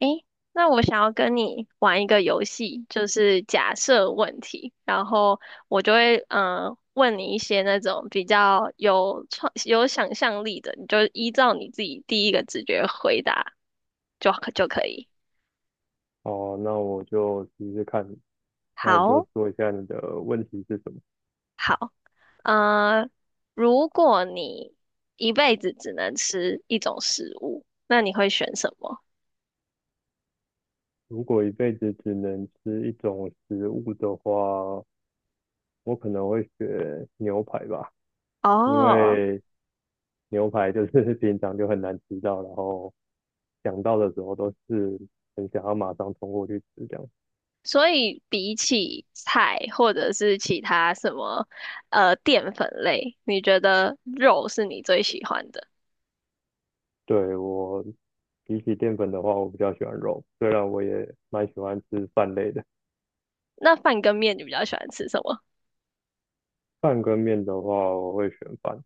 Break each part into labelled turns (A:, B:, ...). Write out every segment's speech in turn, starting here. A: 诶，那我想要跟你玩一个游戏，就是假设问题，然后我就会问你一些那种比较有创有想象力的，你就依照你自己第一个直觉回答就可以。
B: 哦，那我就试试看。那你就
A: 好，
B: 说一下你的问题是什么？
A: 好，呃，如果你一辈子只能吃一种食物，那你会选什么？
B: 如果一辈子只能吃一种食物的话，我可能会选牛排吧，因
A: 哦，
B: 为牛排就是 平常就很难吃到，然后想到的时候都是很想要马上冲过去吃这样。
A: 所以比起菜或者是其他什么淀粉类，你觉得肉是你最喜欢的？
B: 对，我比起淀粉的话，我比较喜欢肉，虽然我也蛮喜欢吃饭类的。
A: 那饭跟面你比较喜欢吃什么？
B: 饭跟面的话，我会选饭。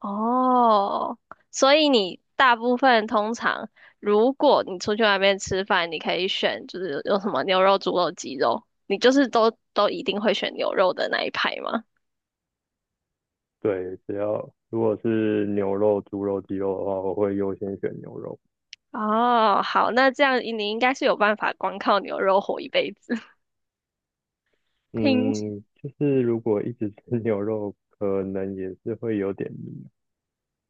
A: 哦，所以你大部分通常，如果你出去外面吃饭，你可以选就是有什么牛肉、猪肉、鸡肉，你就是都一定会选牛肉的那一排吗？
B: 对，只要如果是牛肉、猪肉、鸡肉的话，我会优先选牛肉。
A: 哦，好，那这样你应该是有办法光靠牛肉活一辈子。听
B: 嗯，就是如果一直吃 牛肉，可能也是会有点腻。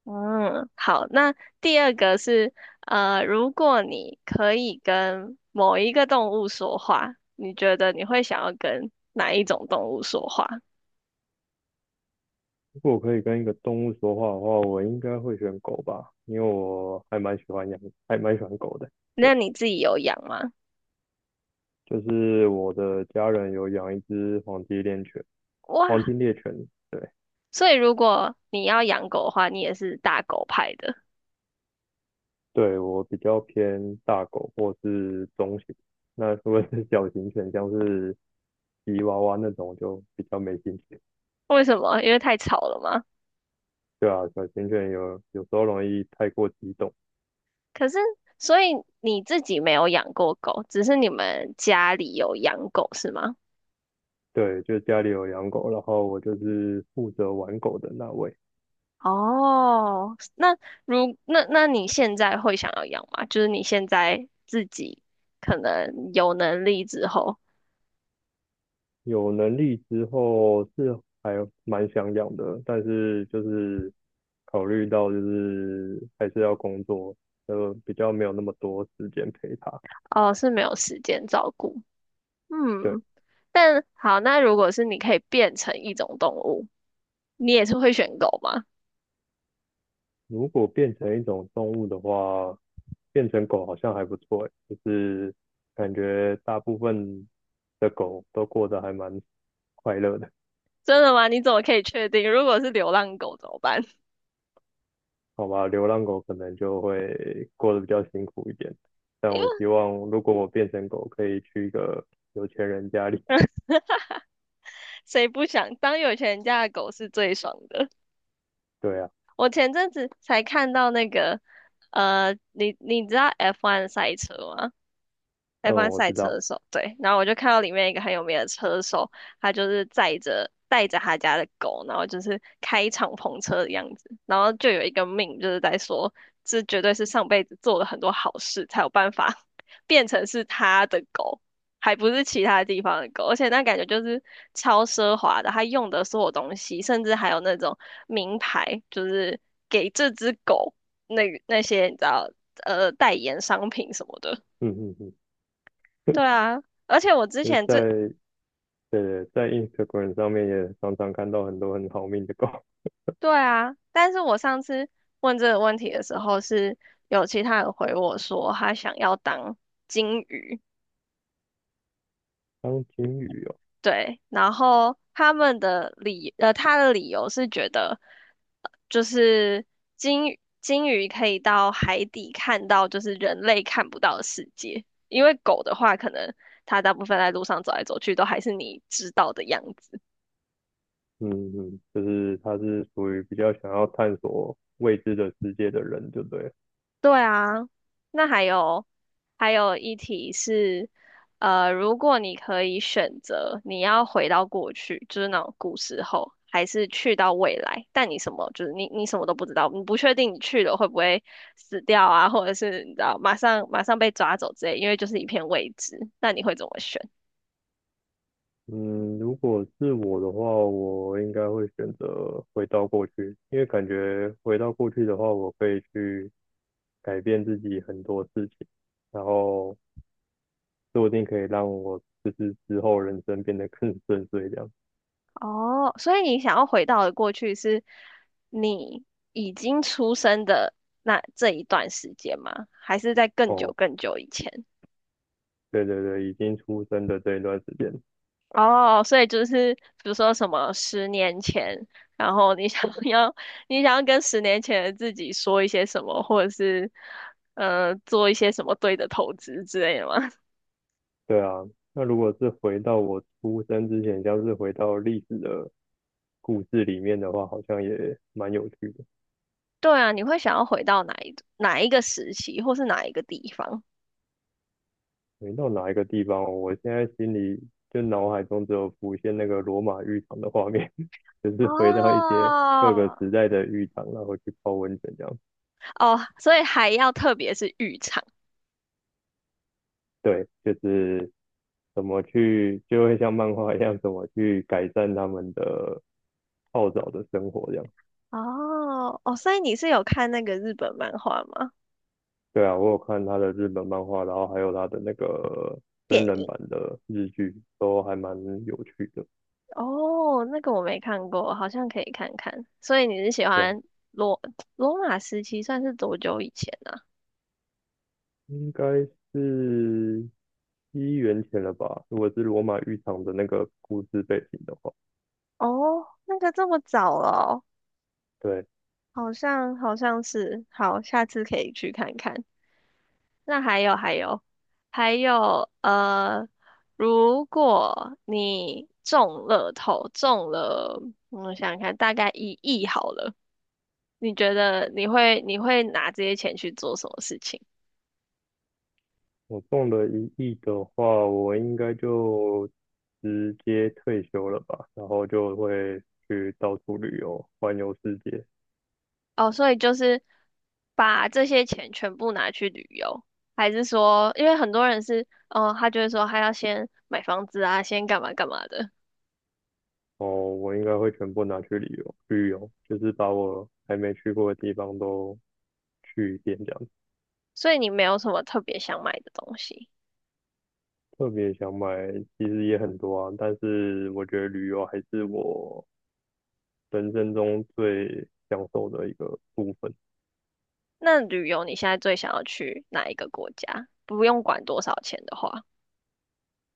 A: 嗯，好，那第二个是，如果你可以跟某一个动物说话，你觉得你会想要跟哪一种动物说话？
B: 如果我可以跟一个动物说话的话，我应该会选狗吧，因为我还蛮喜欢养，还蛮喜欢狗的。对，
A: 那你自己有养吗？
B: 就是我的家人有养一只黄金猎犬，
A: 哇，
B: 黄金猎犬。对，
A: 所以如果你要养狗的话，你也是大狗派的，
B: 对，我比较偏大狗或是中型，那如果是小型犬，像是吉娃娃那种就比较没兴趣。
A: 为什么？因为太吵了吗？
B: 对啊，小型犬有时候容易太过激动。
A: 可是，所以你自己没有养过狗，只是你们家里有养狗，是吗？
B: 对，就家里有养狗，然后我就是负责玩狗的那位。
A: 哦，那那你现在会想要养吗？就是你现在自己可能有能力之后，
B: 有能力之后是还蛮想养的，但是就是考虑到就是还是要工作，比较没有那么多时间陪它。
A: 哦，是没有时间照顾。
B: 对。
A: 嗯，但好，那如果是你可以变成一种动物，你也是会选狗吗？
B: 如果变成一种动物的话，变成狗好像还不错欸就是感觉大部分的狗都过得还蛮快乐的，
A: 真的吗？你怎么可以确定？如果是流浪狗怎么办？
B: 好吧？流浪狗可能就会过得比较辛苦一点，但
A: 因
B: 我
A: 为
B: 希望如果我变成狗，可以去一个有钱人家里。
A: 谁不想当有钱人家的狗是最爽的。
B: 对啊，
A: 我前阵子才看到那个，你知道 F1 赛车吗？
B: 嗯，
A: F1
B: 我
A: 赛
B: 知道，
A: 车手，对。然后我就看到里面一个很有名的车手，他就是载着带着他家的狗，然后就是开敞篷车的样子。然后就有一个命，就是在说，这绝对是上辈子做了很多好事才有办法 变成是他的狗，还不是其他地方的狗。而且那感觉就是超奢华的，他用的所有东西，甚至还有那种名牌，就是给这只狗那那些你知道代言商品什么的。
B: 嗯嗯嗯，
A: 对啊，而且我之
B: 就
A: 前这，
B: 在对在 Instagram 上面也常常看到很多很好命的狗，
A: 对啊，但是我上次问这个问题的时候，是有其他人回我说他想要当金鱼，
B: 当金鱼哦。
A: 对，然后他们的理，他的理由是觉得，就是金鱼可以到海底看到就是人类看不到的世界，因为狗的话，可能它大部分在路上走来走去都还是你知道的样子。
B: 嗯嗯，就是他是属于比较想要探索未知的世界的人，对不对了
A: 对啊，那还有还有一题是，如果你可以选择，你要回到过去，就是那种古时候，还是去到未来，但你什么就是你什么都不知道，你不确定你去了会不会死掉啊，或者是你知道马上被抓走之类，因为就是一片未知，那你会怎么选？
B: 嗯，如果是我的话，我应该会选择回到过去，因为感觉回到过去的话，我可以去改变自己很多事情，然后说不定可以让我就是之后人生变得更顺遂这样。
A: 哦，所以你想要回到的过去是你已经出生的那这一段时间吗？还是在更久
B: 哦，
A: 更久以前？
B: 对，已经出生的这一段时间，
A: 哦，所以就是比如说什么十年前，然后你想 要你想要跟十年前的自己说一些什么，或者是做一些什么对的投资之类的吗？
B: 对啊。那如果是回到我出生之前，像是回到历史的故事里面的话，好像也蛮有趣的。
A: 对啊，你会想要回到哪一个时期，或是哪一个地方？
B: 没到哪一个地方哦我现在心里就脑海中只有浮现那个罗马浴场的画面，就是回到一些各个
A: 哦
B: 时代的浴场，然后去泡温泉这样。
A: 哦，所以还要特别是浴场
B: 对，就是怎么去，就会像漫画一样，怎么去改善他们的泡澡的生活这样。
A: 哦哦，所以你是有看那个日本漫画吗？
B: 对啊，我有看他的日本漫画，然后还有他的那个
A: 电
B: 真人
A: 影？
B: 版的日剧，都还蛮有趣的。
A: 哦，那个我没看过，好像可以看看。所以你是喜
B: 这样
A: 欢罗罗马时期，算是多久以前呢
B: 应该是七元钱了吧？如果是罗马浴场的那个故事背景的话，
A: 啊？哦，那个这么早了
B: 对，
A: 哦好像好像是。好，下次可以去看看。那还有如果你中了，我想想看，大概1亿好了，你觉得你会拿这些钱去做什么事情？
B: 我中了1亿的话，我应该就直接退休了吧，然后就会去到处旅游，环游世界。
A: 哦，所以就是把这些钱全部拿去旅游，还是说，因为很多人是，哦，他就会说他要先买房子啊，先干嘛干嘛的，
B: 哦，我应该会全部拿去旅游，旅游就是把我还没去过的地方都去一遍这样子
A: 所以你没有什么特别想买的东西。
B: 特别想买，其实也很多啊，但是我觉得旅游还是我人生中最享受的一个部分。
A: 那旅游你现在最想要去哪一个国家？不用管多少钱的话，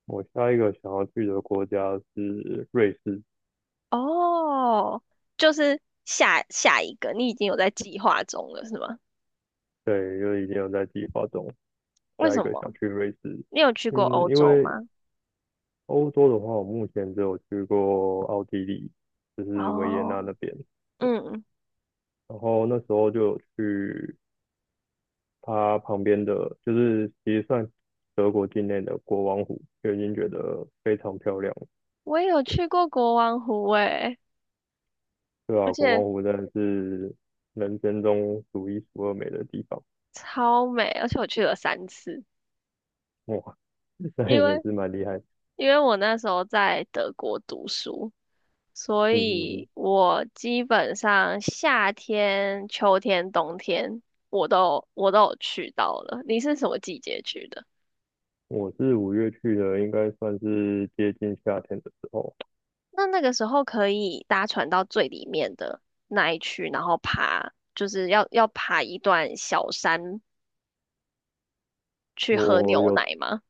B: 我下一个想要去的国家是瑞士，
A: 哦，就是下下一个，你已经有在计划中了，是吗？
B: 对，因为已经有在计划中，
A: 为
B: 下一
A: 什
B: 个想
A: 么？
B: 去瑞士。
A: 你有去过
B: 嗯，
A: 欧
B: 因
A: 洲
B: 为
A: 吗？
B: 欧洲的话，我目前只有去过奥地利，就是维也
A: 哦，
B: 纳那边。对，
A: 嗯，
B: 然后那时候就有去它旁边的，就是其实算德国境内的国王湖，就已经觉得非常漂亮了
A: 我也有
B: 对，
A: 去过国王湖，诶。
B: 对
A: 而
B: 啊，国王
A: 且。
B: 湖真的是人生中数一数二美的地方，
A: 超美，而且我去了3次，
B: 哇，那
A: 因
B: 也
A: 为
B: 是蛮厉害的
A: 因为我那时候在德国读书，所
B: 嗯嗯嗯。
A: 以我基本上夏天、秋天、冬天我都有去到了。你是什么季节去的？
B: 我是五月去的，应该算是接近夏天的时候。
A: 那那个时候可以搭船到最里面的那一区，然后爬，就是要爬一段小山去喝
B: 我
A: 牛
B: 有，
A: 奶吗？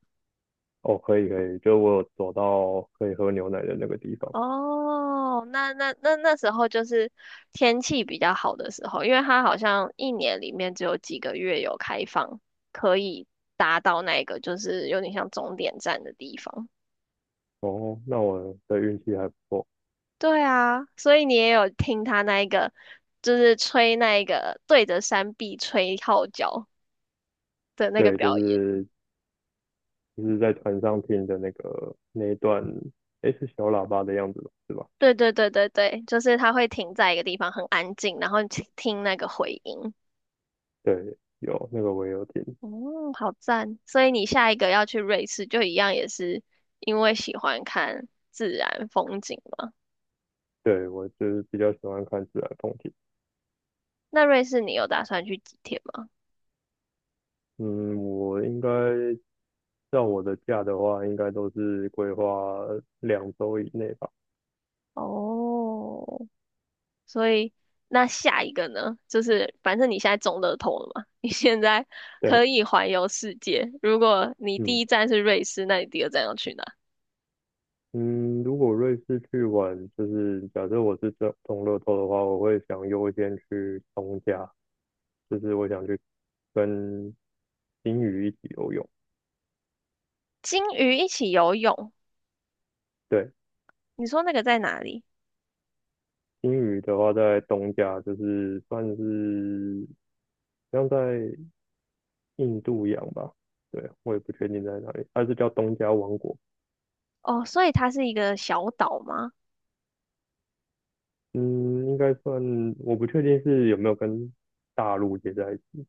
B: 哦，可以可以，就我有走到可以喝牛奶的那个地方。
A: 哦，那那时候就是天气比较好的时候，因为它好像一年里面只有几个月有开放，可以达到那个就是有点像终点站的地方。
B: 哦，那我的运气还不错。
A: 对啊，所以你也有听他那一个，就是吹那一个对着山壁吹号角的那个
B: 对，就
A: 表演。
B: 是就是在船上听的那个那一段，诶，是小喇叭的样子吧？是吧？
A: 对对对对对，就是他会停在一个地方很安静，然后听听那个回音。
B: 对，有那个我也有听。
A: 哦，好赞！所以你下一个要去瑞士，就一样也是因为喜欢看自然风景嘛？
B: 对，我就是比较喜欢看自然风景。
A: 那瑞士你有打算去几天吗？
B: 嗯，我应该照我的假的话，应该都是规划2周以内吧。
A: 哦，所以那下一个呢？就是反正你现在中乐透了嘛，你现在
B: 对，
A: 可以环游世界。如果你第
B: 嗯。
A: 一站是瑞士，那你第二站要去哪？
B: 嗯，如果瑞士去玩，就是假设我是中乐透的话，我会想优先去东加，就是我想去跟金鱼一起游泳。
A: 鲸鱼一起游泳，
B: 对，
A: 你说那个在哪里？
B: 金鱼的话在东加，就是算是像在印度洋吧。对，我也不确定在哪里，它是叫东加王国。
A: 哦，所以它是一个小岛吗？
B: 嗯，应该算，我不确定是有没有跟大陆接在一起。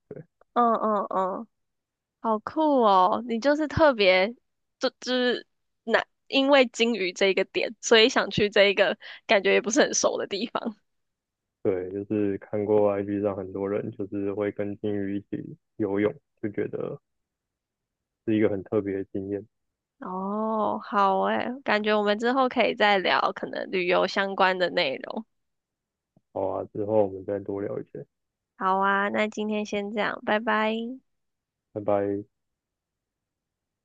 A: 嗯嗯嗯。好酷哦！你就是特别，就是那因为金鱼这一个点，所以想去这一个感觉也不是很熟的地方。
B: 对，就是看过 IG 上很多人就是会跟金鱼一起游泳，就觉得是一个很特别的经验。
A: 哦，好诶，感觉我们之后可以再聊可能旅游相关的内容。
B: 好啊，之后我们再多聊一些，
A: 好啊，那今天先这样，拜拜。
B: 拜拜。